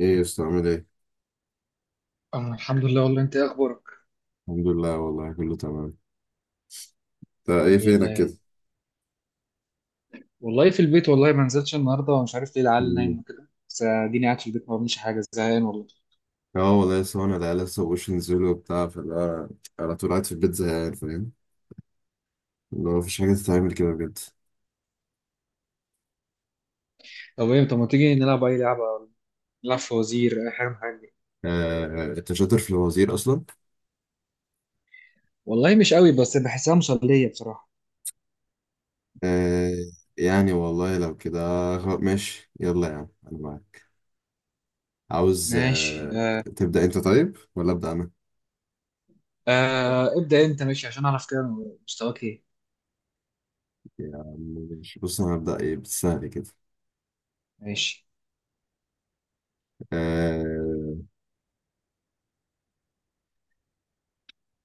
ايه يا اسطى عامل ايه؟ أنا الحمد لله. والله أنت إيه أخبارك؟ الحمد لله والله كله تمام. انت ايه الحمد فينك لله. كده؟ والله في البيت، والله ما نزلتش النهاردة ومش عارف ليه العيال مم. نايمة كده، بس أديني قاعد في البيت ما بعملش حاجة، زهقان والله. اه، والله لسه، وانا العيال لسه مبقوش ينزلوا وبتاع، فاللي هو على طول قاعد في البيت زهقان، فاهم؟ اللي هو مفيش حاجة تتعمل كده بجد. طب إيه، طب ما تيجي نلعب أي لعبة، نلعب فوازير أي حاجة من الحاجات دي. آه آه، انت شاطر في الوزير اصلا؟ والله مش قوي بس بحسها مسلية بصراحة. آه، يعني والله لو كده. ماشي يلا يا عم انا معاك، عاوز، ماشي آه. آه. تبدأ انت طيب ولا أبدأ انا؟ آه. ابدأ أنت ماشي عشان أعرف كده مستواك إيه. يا عم ماشي. بص انا هبدأ ايه بالسهل كده. ماشي آه،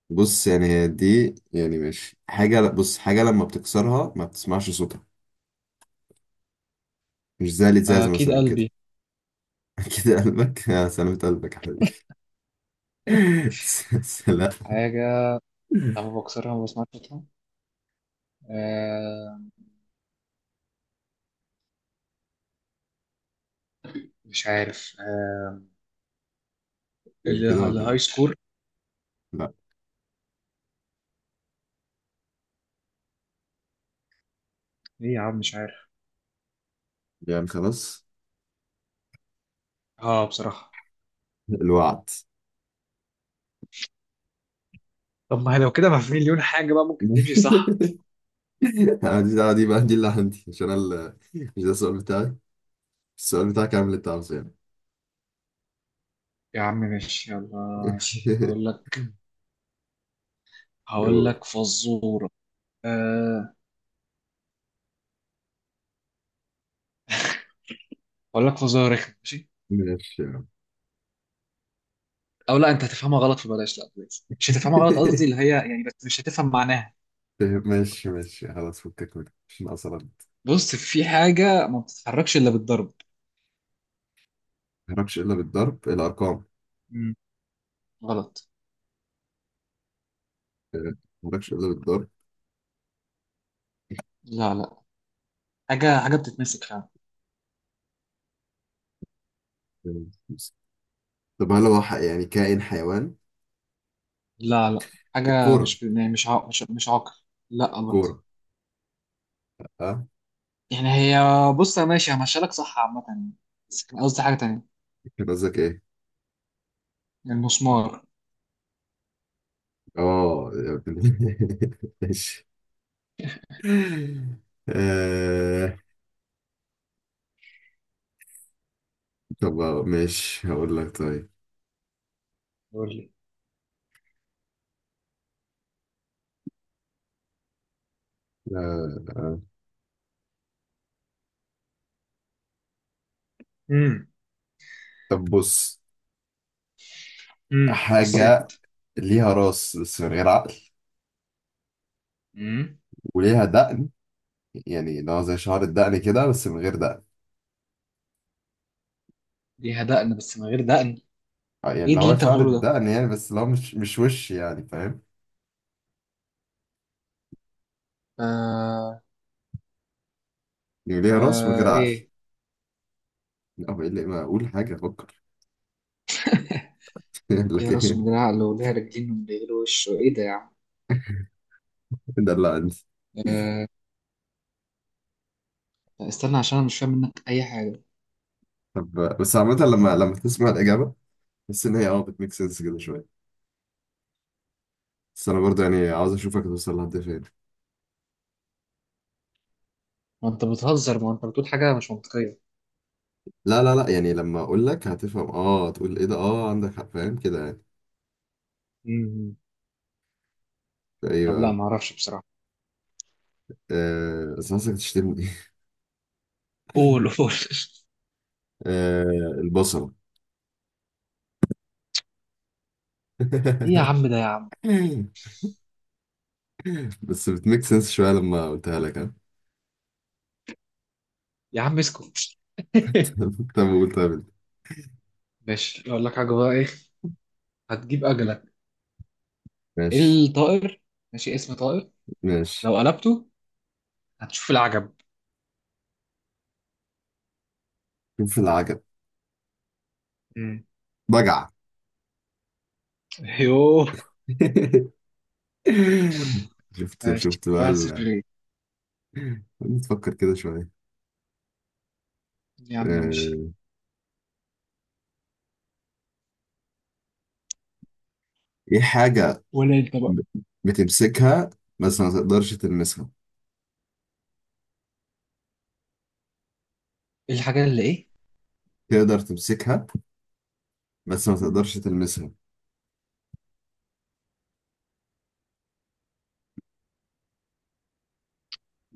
بص يعني هي دي يعني ماشي حاجة. بص حاجة لما بتكسرها ما بتسمعش صوتها، مش زي آه، الإزاز أكيد مثلا وكده. قلبي. كده قلبك؟ آه، سلامة قلبك يا حبيبي. لا. حاجة لما بكسرها ما بسمعش صوتها. آه. مش عارف آه. يعني اللي كده ولا الهاي ايه؟ سكور. لا، إيه يا عم مش عارف. يعني خلاص اه بصراحة. الوعد. طب ما هي لو كده ما في مليون حاجة بقى ممكن تمشي، صح؟ أنا دي دي بقى، دي اللي عندي، عشان أنا مش ده السؤال بتاعي، السؤال بتاعك، اعمل اللي انت عاوزه يعني. يا عم ماشي يلا. ماشي، هقول لك هقول يقول، لك فزورة. أه، هقول لك فزورة رخمة، ماشي. ماشي يا عم. أو لا أنت هتفهمها غلط، فبلاش، لا بلاش مش هتفهمها غلط قصدي، اللي هي يعني بس مش هتفهم معناها. ماشي ماشي، خلاص، فكك منك، مش ناقصة ما بص، في حاجة ما بتتحركش إلا بالضرب. تهربش الا بالضرب الارقام. مم. غلط. آه، مالكش إلا بالضرب. لا لا، حاجة بتتمسك فعلا. آه، خمسة. طب هل هو يعني كائن حيوان؟ لا لا، حاجة الكورة؟ مش يعني مش عق... مش مش عاقل لا برضه. الكورة، اه؟ يعني هي، بص يا ماشي همشيلك صح عامة، بس كان قصدي حاجة تانية. كان قصدك ايه؟ المسمار. اه. ماشي. آه، طب ماشي هقول لك طيب. قول لي. آه، آه. امم طب بص، حاجة بصيت. ليها راس بس من غير عقل، امم وليها دقن، يعني لو زي شعر الدقن كده بس من غير دقن. ليها دقن بس من غير دقن. آه، يعني ايه لو اللي هو انت شعر بتقوله ده؟ الدقن يعني، بس لو مش وش، يعني فاهم؟ آه، يعني ليها راس من غير آه عقل. ايه. لا، هو ايه اللي، ما اقول حاجة، افكر. يقول ليها لك راس ومن ايه. غير عقل، وليها رجلين ومن غير وش، ايه ده يا عم؟ ده اللي انت. آه. لا، استنى عشان انا مش فاهم منك اي حاجه. طب بس عامة، لما تسمع الإجابة تحس إن هي، اه، بتميك سنس كده شوية، بس أنا برضه يعني عاوز أشوفك توصل لحد فين. ما انت بتهزر، ما انت بتقول حاجه مش منطقيه. لا لا لا، يعني لما أقول لك هتفهم، اه، تقول ايه ده، اه، عندك حق، فاهم كده يعني. امم ايه طب لا بقى؟ ما اعرفش بصراحه. آه، بس حاسسك تشتمني. قول قول. آه، البصلة. ايه يا عم ده يا عم. بس بتميك سنس شوية لما قلتها لك، ها؟ يا عم اسكت. طب قول، طب انت. ماشي، اقول لك حاجه بقى ايه. هتجيب اجلك. ماشي الطائر، ماشي اسم طائر، ماشي، لو قلبته هتشوف العجب. شوف العجب. بجعة. يوه. شفت ماشي. شفت بقى. واحد صفر ليه. نفكر كده شوية. يا عم ماشي. آه، ايه حاجة، ولا انت بقى، ب- بتمسكها بس ما تقدرش تلمسها؟ ايه الحاجة اللي ايه؟ تقدر تمسكها بس ما مم. تقدرش تلمسها.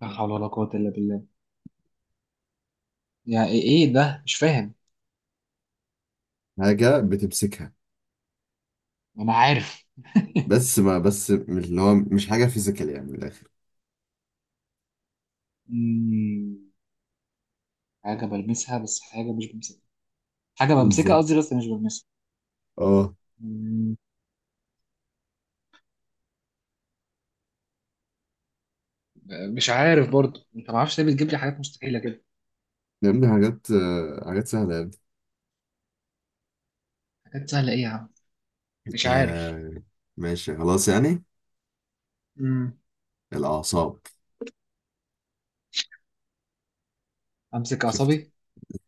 لا حول ولا قوة إلا بالله. يعني ايه؟ إيه ده مش فاهم. حاجة بتمسكها، أنا عارف. بس ما بس مش اللي هو، مش حاجة فيزيكال يعني من الآخر. مم. حاجة بلمسها بس حاجة مش بمسكها، حاجة بمسكها بالظبط، قصدي بس مش بلمسها. اه. مم. مش عارف برضو، انت ما اعرفش ليه بتجيب لي حاجات مستحيلة كده. يا ابني حاجات، آه، حاجات سهلة يا ابني. حاجات سهلة ايه يا عم؟ مش عارف. آه، ماشي خلاص يعني. مم. الأعصاب. امسك شفت؟ اعصابي.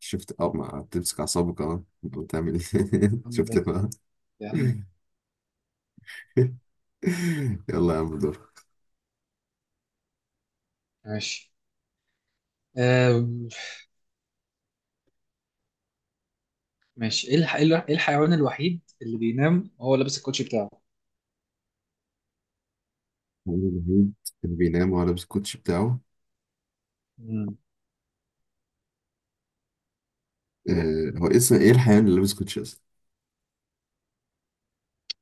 شفت، اه، ما بتمسك أعصابك، اه، بتعمل ايه؟ شفت أمسك- بقى. يا عم يلا يا عم دور. ماشي آه، ماشي، إيه الحيوان الوحيد اللي بينام وهو لابس الكوتشي بتاعه. عمرو نهيد كان بينام وهو لابس الكوتشي بتاعه. مم. آه، هو اسمه ايه الحيوان اللي لابس كوتشي اصلا؟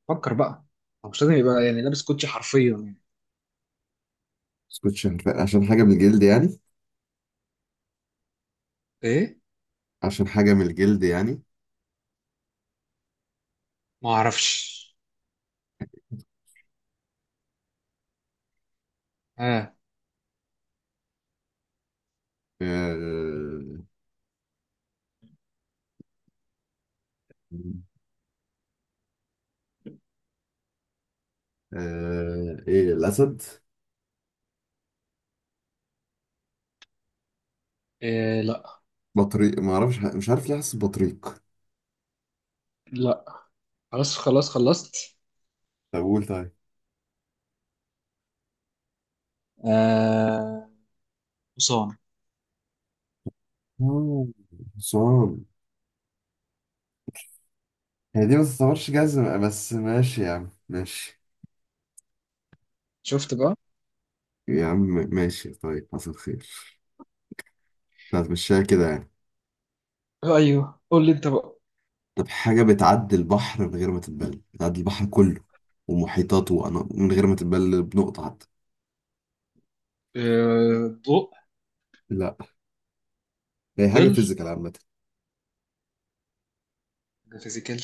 فكر بقى، هو مش لازم يبقى يعني لابس كوتشي حرفيا يعني. بس كوتشي عشان حاجة من الجلد يعني. ايه، عشان حاجة من الجلد يعني. ما اعرفش. اه. آه. آه، ايه، الأسد؟ إيه؟ لا. بطريق، ما اعرفش، مش عارف ليه حاسس بطريق. لا، خلاص خلاص خلصت. طب قول طيب. آه، حصان. آه، حصان؟ هي دي ما تعتبرش جزمة بس ماشي يا عم ماشي. شفت بقى. يا عم ماشي طيب، حصل خير، هتمشيها كده يعني. آه، ايوه قول لي انت بقى. طب حاجة بتعدي البحر من غير ما تتبل، بتعدي البحر كله ومحيطاته، من غير ما تتبل بنقطة حتى. آه، الضوء. لا، هي حاجة الظل. فيزيكال عامة، حاجه فيزيكال،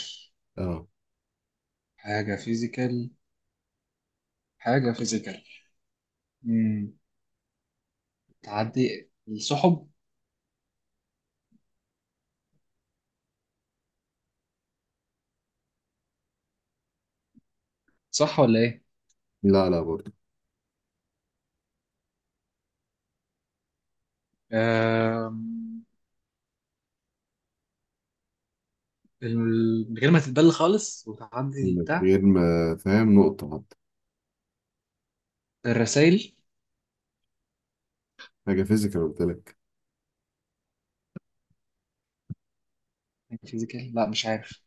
اه. حاجه فيزيكال، حاجه فيزيكال. مم. تعدي السحب، صح ولا ايه؟ لا لا برضه. آه، من غير ما تتبل خالص وتعدي من البتاع. غير ما، فاهم، نقطة حتى. الرسائل. حاجة فيزيكال قلت لك. فيزيكال، لا مش عارف.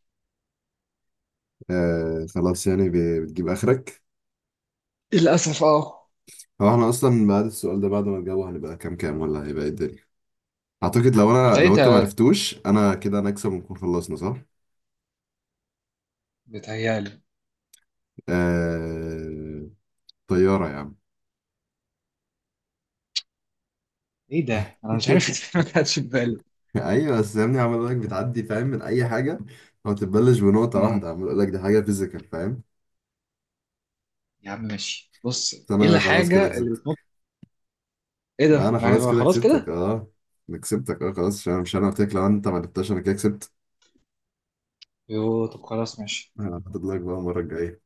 آه، خلاص يعني بتجيب آخرك. للأسف اه. هو احنا أصلا بعد السؤال ده، بعد ما نجاوب، هنبقى كام كام، ولا هيبقى ايه الدنيا؟ أعتقد لو أنا لو أنت بدايتها، معرفتوش، أنا كده أنا أكسب، ونكون خلصنا، صح؟ بتهيألي. آه... طيارة يا عم. ايه ده؟ انا مش عارف. إزاي ما كانتش في بالي. ايوه، بس يا ابني عمال لك بتعدي، فاهم، من اي حاجه، ما بتبلش بنقطه امم واحده، عمال اقول لك دي حاجه فيزيكال، فاهم؟ يا عم ماشي، بص، بس ايه انا خلاص كده الحاجة اللي بتنط؟ كسبتك. ايه لا، ده؟ انا يعني خلاص بقى كده خلاص كسبتك، كده؟ اه، انا كسبتك، اه، خلاص، عشان مش انا قلت لك لو انت ما جبتهاش انا كده كسبت. يوه، طب خلاص ماشي. انا هحدد لك بقى المره الجايه.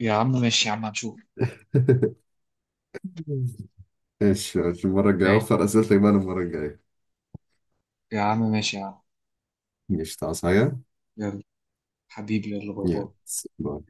يا عم ماشي يا عم هنشوف. ماشي ماشي، المره الجايه ماشي اوفر اسئلتك بقى المره الجايه. يا عم ماشي يا عم. ماشي تعصي حاجه. يلا. حبيبي يلا، باي يلا باي. باي.